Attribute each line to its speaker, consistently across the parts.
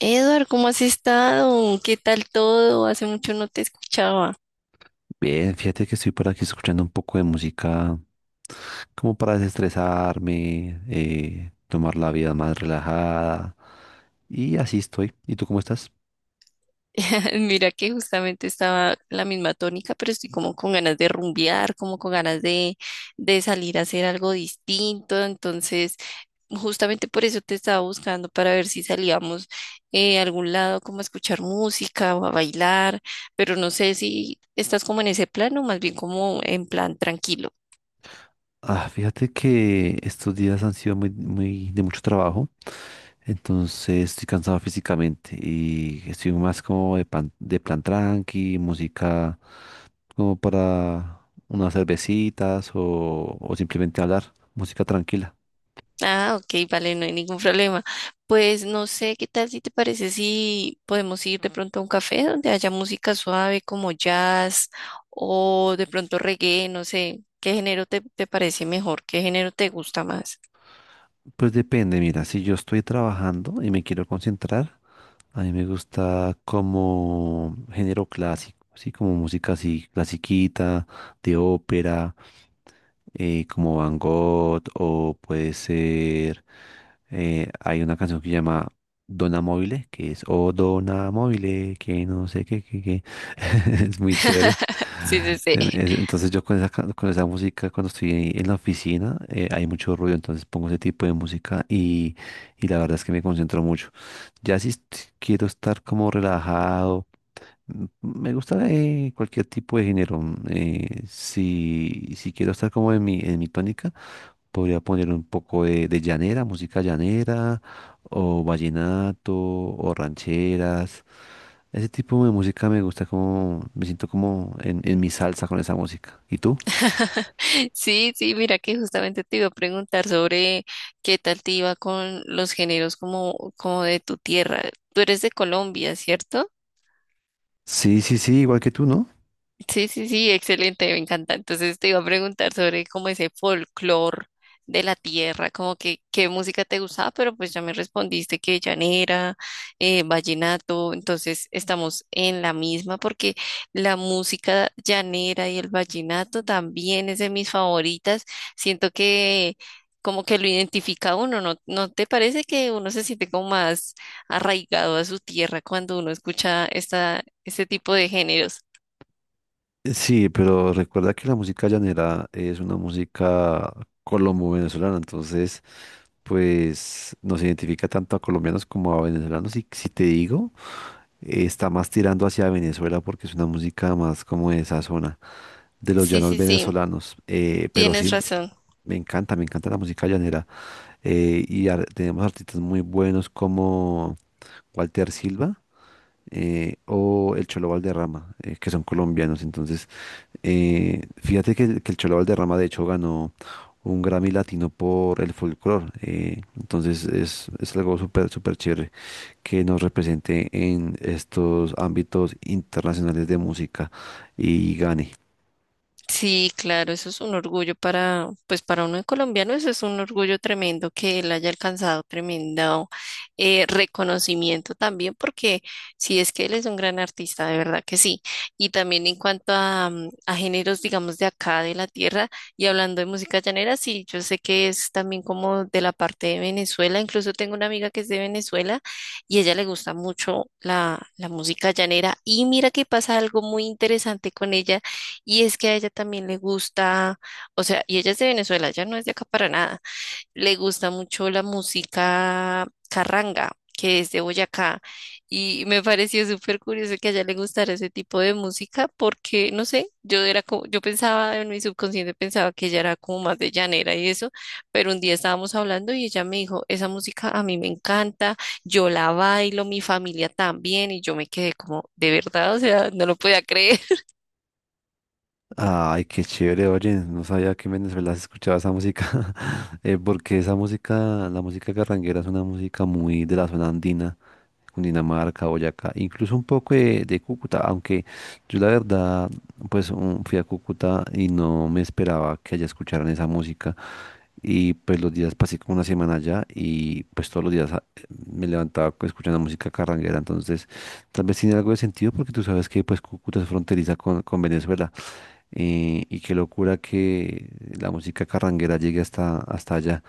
Speaker 1: Edward, ¿cómo has estado? ¿Qué tal todo? Hace mucho no te escuchaba.
Speaker 2: Bien, fíjate que estoy por aquí escuchando un poco de música como para desestresarme, tomar la vida más relajada y así estoy. ¿Y tú cómo estás?
Speaker 1: Mira que justamente estaba en la misma tónica, pero estoy como con ganas de rumbear, como con ganas de salir a hacer algo distinto. Entonces, justamente por eso te estaba buscando para ver si salíamos a algún lado, como a escuchar música o a bailar, pero no sé si estás como en ese plan o más bien como en plan tranquilo.
Speaker 2: Ah, fíjate que estos días han sido muy, muy de mucho trabajo, entonces estoy cansado físicamente y estoy más como de plan tranqui, música como para unas cervecitas o simplemente hablar, música tranquila.
Speaker 1: Ah, ok, vale, no hay ningún problema. Pues no sé, ¿qué tal si te parece si podemos ir de pronto a un café donde haya música suave como jazz o de pronto reggae, no sé, ¿qué género te parece mejor? ¿Qué género te gusta más?
Speaker 2: Pues depende, mira, si yo estoy trabajando y me quiero concentrar, a mí me gusta como género clásico, sí, como música así, clasiquita, de ópera, como Van Gogh o puede ser, hay una canción que se llama Dona Mobile, que es O Dona Mobile, que no sé qué, qué, qué. Es muy chévere.
Speaker 1: Sí, sí, sí.
Speaker 2: Entonces yo con esa, con esa música cuando estoy en la oficina, hay mucho ruido, entonces pongo ese tipo de música y la verdad es que me concentro mucho. Ya si est- Quiero estar como relajado. Me gusta, cualquier tipo de género. Si quiero estar como en en mi tónica, podría poner un poco de llanera, música llanera, o vallenato, o rancheras. Ese tipo de música me gusta como, me siento como en mi salsa con esa música. ¿Y tú?
Speaker 1: Sí, sí, mira que justamente te iba a preguntar sobre qué tal te iba con los géneros como, como de tu tierra. Tú eres de Colombia, ¿cierto?
Speaker 2: Sí, sí, sí, igual que tú, ¿no?
Speaker 1: Sí, sí, sí, excelente, me encanta. Entonces te iba a preguntar sobre como ese folclore de la tierra, como que qué música te gustaba, pero pues ya me respondiste que llanera, vallenato, entonces estamos en la misma porque la música llanera y el vallenato también es de mis favoritas. Siento que como que lo identifica a uno, ¿no? ¿No te parece que uno se siente como más arraigado a su tierra cuando uno escucha esta, este tipo de géneros?
Speaker 2: Sí, pero recuerda que la música llanera es una música colombo-venezolana, entonces pues nos identifica tanto a colombianos como a venezolanos. Y si te digo, está más tirando hacia Venezuela porque es una música más como de esa zona, de los
Speaker 1: Sí,
Speaker 2: llanos
Speaker 1: sí, sí,
Speaker 2: venezolanos. Pero sí,
Speaker 1: tienes razón.
Speaker 2: me encanta la música llanera. Tenemos artistas muy buenos como Walter Silva, o el Cholo Valderrama, que son colombianos. Entonces, fíjate que el Cholo Valderrama, de hecho, ganó un Grammy Latino por el folclore. Entonces, es algo súper, súper chévere que nos represente en estos ámbitos internacionales de música y gane.
Speaker 1: Sí, claro, eso es un orgullo para, pues para uno de colombiano, eso es un orgullo tremendo que él haya alcanzado tremendo reconocimiento también, porque sí es que él es un gran artista, de verdad que sí. Y también en cuanto a, mm, a géneros, digamos, de acá, de la tierra, y hablando de música llanera, sí, yo sé que es también como de la parte de Venezuela, incluso tengo una amiga que es de Venezuela y a ella le gusta mucho la música llanera. Y mira que pasa algo muy interesante con ella y es que a ella también le gusta, o sea, y ella es de Venezuela, ella no es de acá para nada. Le gusta mucho la música carranga, que es de Boyacá. Y me pareció súper curioso que a ella le gustara ese tipo de música porque, no sé, yo era como, yo pensaba en mi subconsciente, pensaba que ella era como más de llanera y eso, pero un día estábamos hablando y ella me dijo, esa música a mí me encanta, yo la bailo, mi familia también, y yo me quedé como, de verdad, o sea, no lo podía creer.
Speaker 2: Ay, qué chévere, oye, no sabía que en Venezuela se escuchaba esa música. Porque esa música, la música carranguera es una música muy de la zona andina, Cundinamarca, Boyacá, incluso un poco de Cúcuta, aunque yo la verdad, fui a Cúcuta y no me esperaba que allá escucharan esa música. Y pues los días pasé como una semana allá y pues todos los días, escuchando música carranguera. Entonces, tal vez tiene algo de sentido porque tú sabes que pues Cúcuta es fronteriza con Venezuela. Y qué locura que la música carranguera llegue hasta, hasta allá.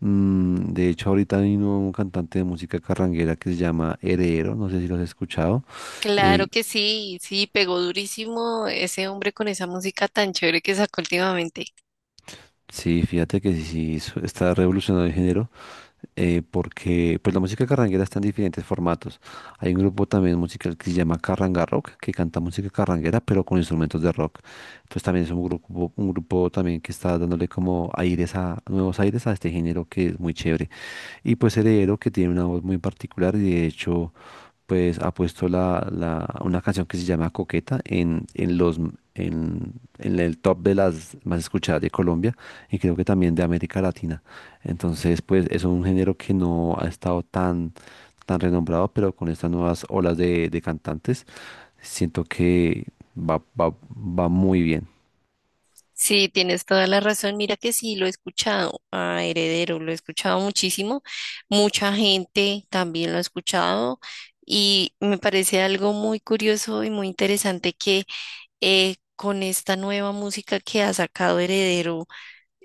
Speaker 2: De hecho, ahorita vino un cantante de música carranguera que se llama Heredero, no sé si lo has escuchado.
Speaker 1: Claro
Speaker 2: eh,
Speaker 1: que sí, sí, pegó durísimo ese hombre con esa música tan chévere que sacó últimamente.
Speaker 2: sí, fíjate que sí, sí, está revolucionando el género. Porque pues la música carranguera está en diferentes formatos. Hay un grupo también musical que se llama Carranga Rock, que canta música carranguera, pero con instrumentos de rock. Entonces también es un grupo también que está dándole como aires a, nuevos aires a este género que es muy chévere. Y pues Heredero, que tiene una voz muy particular y de hecho pues ha puesto una canción que se llama Coqueta en en, en el top de las más escuchadas de Colombia y creo que también de América Latina. Entonces, pues es un género que no ha estado tan, tan renombrado, pero con estas nuevas olas de cantantes, siento que va, va, va muy bien.
Speaker 1: Sí, tienes toda la razón. Mira que sí, lo he escuchado a Heredero, lo he escuchado muchísimo. Mucha gente también lo ha escuchado y me parece algo muy curioso y muy interesante que con esta nueva música que ha sacado Heredero,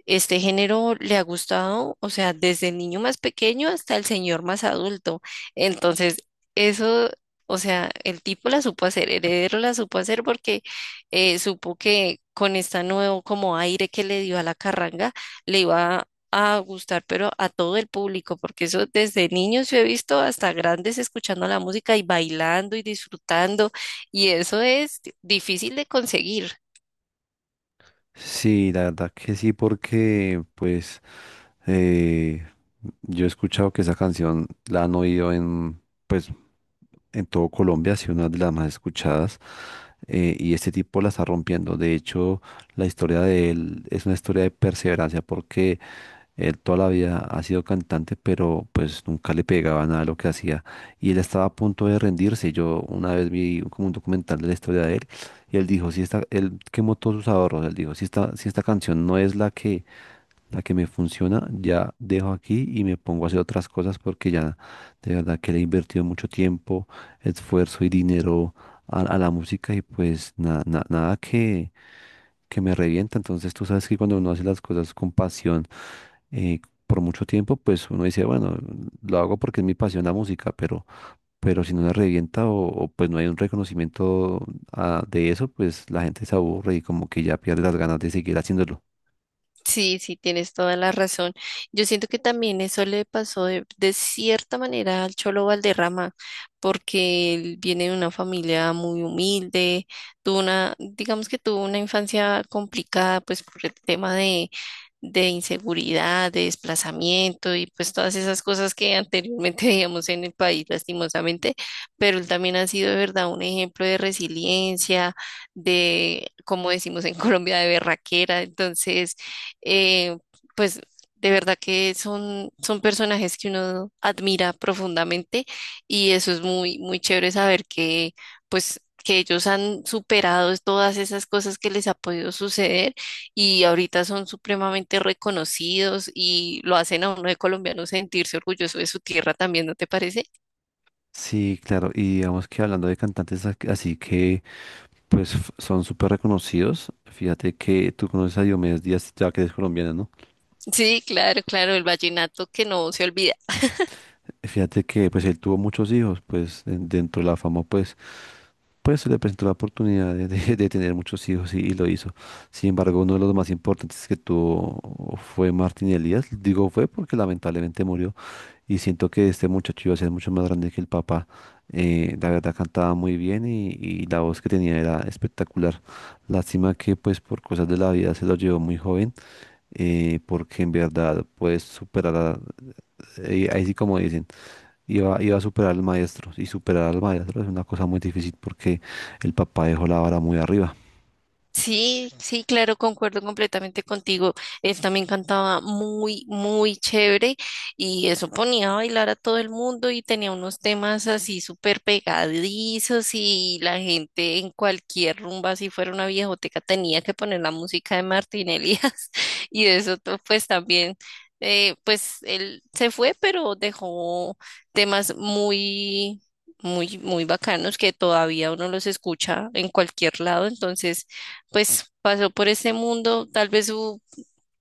Speaker 1: este género le ha gustado, o sea, desde el niño más pequeño hasta el señor más adulto. Entonces, eso, o sea, el tipo la supo hacer, Heredero la supo hacer porque supo que con este nuevo como aire que le dio a la carranga, le iba a gustar, pero a todo el público, porque eso desde niños yo he visto hasta grandes escuchando la música y bailando y disfrutando, y eso es difícil de conseguir.
Speaker 2: Sí, la verdad que sí, porque pues, eh, yo he escuchado que esa canción la han oído en pues en todo Colombia, sí, una de las más escuchadas. Y este tipo la está rompiendo. De hecho, la historia de él es una historia de perseverancia porque él toda la vida ha sido cantante, pero pues nunca le pegaba nada a lo que hacía. Y él estaba a punto de rendirse. Yo una vez vi como un documental de la historia de él y él dijo, si esta, él quemó todos sus ahorros, él dijo, si esta, si esta canción no es la que me funciona, ya dejo aquí y me pongo a hacer otras cosas porque ya de verdad que le he invertido mucho tiempo, esfuerzo y dinero a la música y pues nada que, que me revienta. Entonces tú sabes que cuando uno hace las cosas con pasión, eh, por mucho tiempo, pues uno dice, bueno, lo hago porque es mi pasión la música, pero si no la revienta pues no hay un reconocimiento, de eso, pues la gente se aburre y como que ya pierde las ganas de seguir haciéndolo.
Speaker 1: Sí, sí, tienes toda la razón. Yo siento que también eso le pasó de cierta manera al Cholo Valderrama, porque él viene de una familia muy humilde, tuvo una, digamos que tuvo una infancia complicada, pues por el tema de inseguridad, de desplazamiento y pues todas esas cosas que anteriormente veíamos en el país, lastimosamente, pero él también ha sido de verdad un ejemplo de resiliencia, de, como decimos en Colombia, de berraquera. Entonces, eh, pues de verdad que son, son personajes que uno admira profundamente y eso es muy, muy chévere saber que, pues, que ellos han superado todas esas cosas que les ha podido suceder y ahorita son supremamente reconocidos y lo hacen a uno de colombiano sentirse orgulloso de su tierra también, ¿no te parece?
Speaker 2: Sí, claro, y digamos que hablando de cantantes así que pues son súper reconocidos, fíjate que tú conoces a Diomedes Díaz, ya que es colombiana, ¿no?
Speaker 1: Sí, claro, claro, el vallenato que no se olvida.
Speaker 2: Fíjate que pues él tuvo muchos hijos, pues dentro de la fama pues Pues se le presentó la oportunidad de, de tener muchos hijos y lo hizo. Sin embargo, uno de los más importantes que tuvo fue Martín Elías. Digo fue porque lamentablemente murió. Y siento que este muchacho iba a ser mucho más grande que el papá. La verdad cantaba muy bien y la voz que tenía era espectacular. Lástima que pues por cosas de la vida se lo llevó muy joven, porque en verdad puedes superar, ahí sí como dicen. Iba, iba a superar al maestro. Y superar al maestro es una cosa muy difícil porque el papá dejó la vara muy arriba.
Speaker 1: Sí, sí, claro, concuerdo completamente contigo. Él también cantaba muy, muy chévere y eso ponía a bailar a todo el mundo y tenía unos temas así súper pegadizos y la gente en cualquier rumba, si fuera una viejoteca, tenía que poner la música de Martín Elías y eso to- pues también, pues él se fue, pero dejó temas muy... muy, muy bacanos que todavía uno los escucha en cualquier lado, entonces pues pasó por este mundo, tal vez su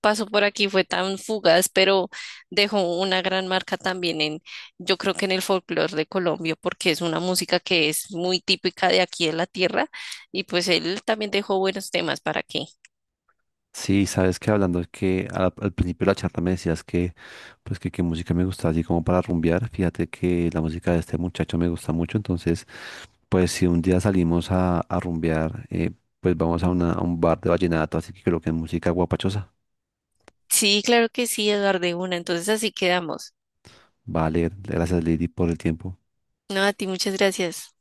Speaker 1: paso por aquí fue tan fugaz, pero dejó una gran marca también en, yo creo que en el folclore de Colombia, porque es una música que es muy típica de aquí de la tierra, y pues él también dejó buenos temas, ¿para que,
Speaker 2: Sí, sabes que hablando es que al principio de la charla me decías que pues que qué música me gusta así como para rumbear. Fíjate que la música de este muchacho me gusta mucho. Entonces, pues si un día salimos a rumbear, pues vamos a, una, a un bar de vallenato. Así que creo que es música guapachosa.
Speaker 1: sí, claro que sí, Eduardo, de una, entonces así quedamos.
Speaker 2: Vale, gracias Lady por el tiempo.
Speaker 1: No, a ti muchas gracias.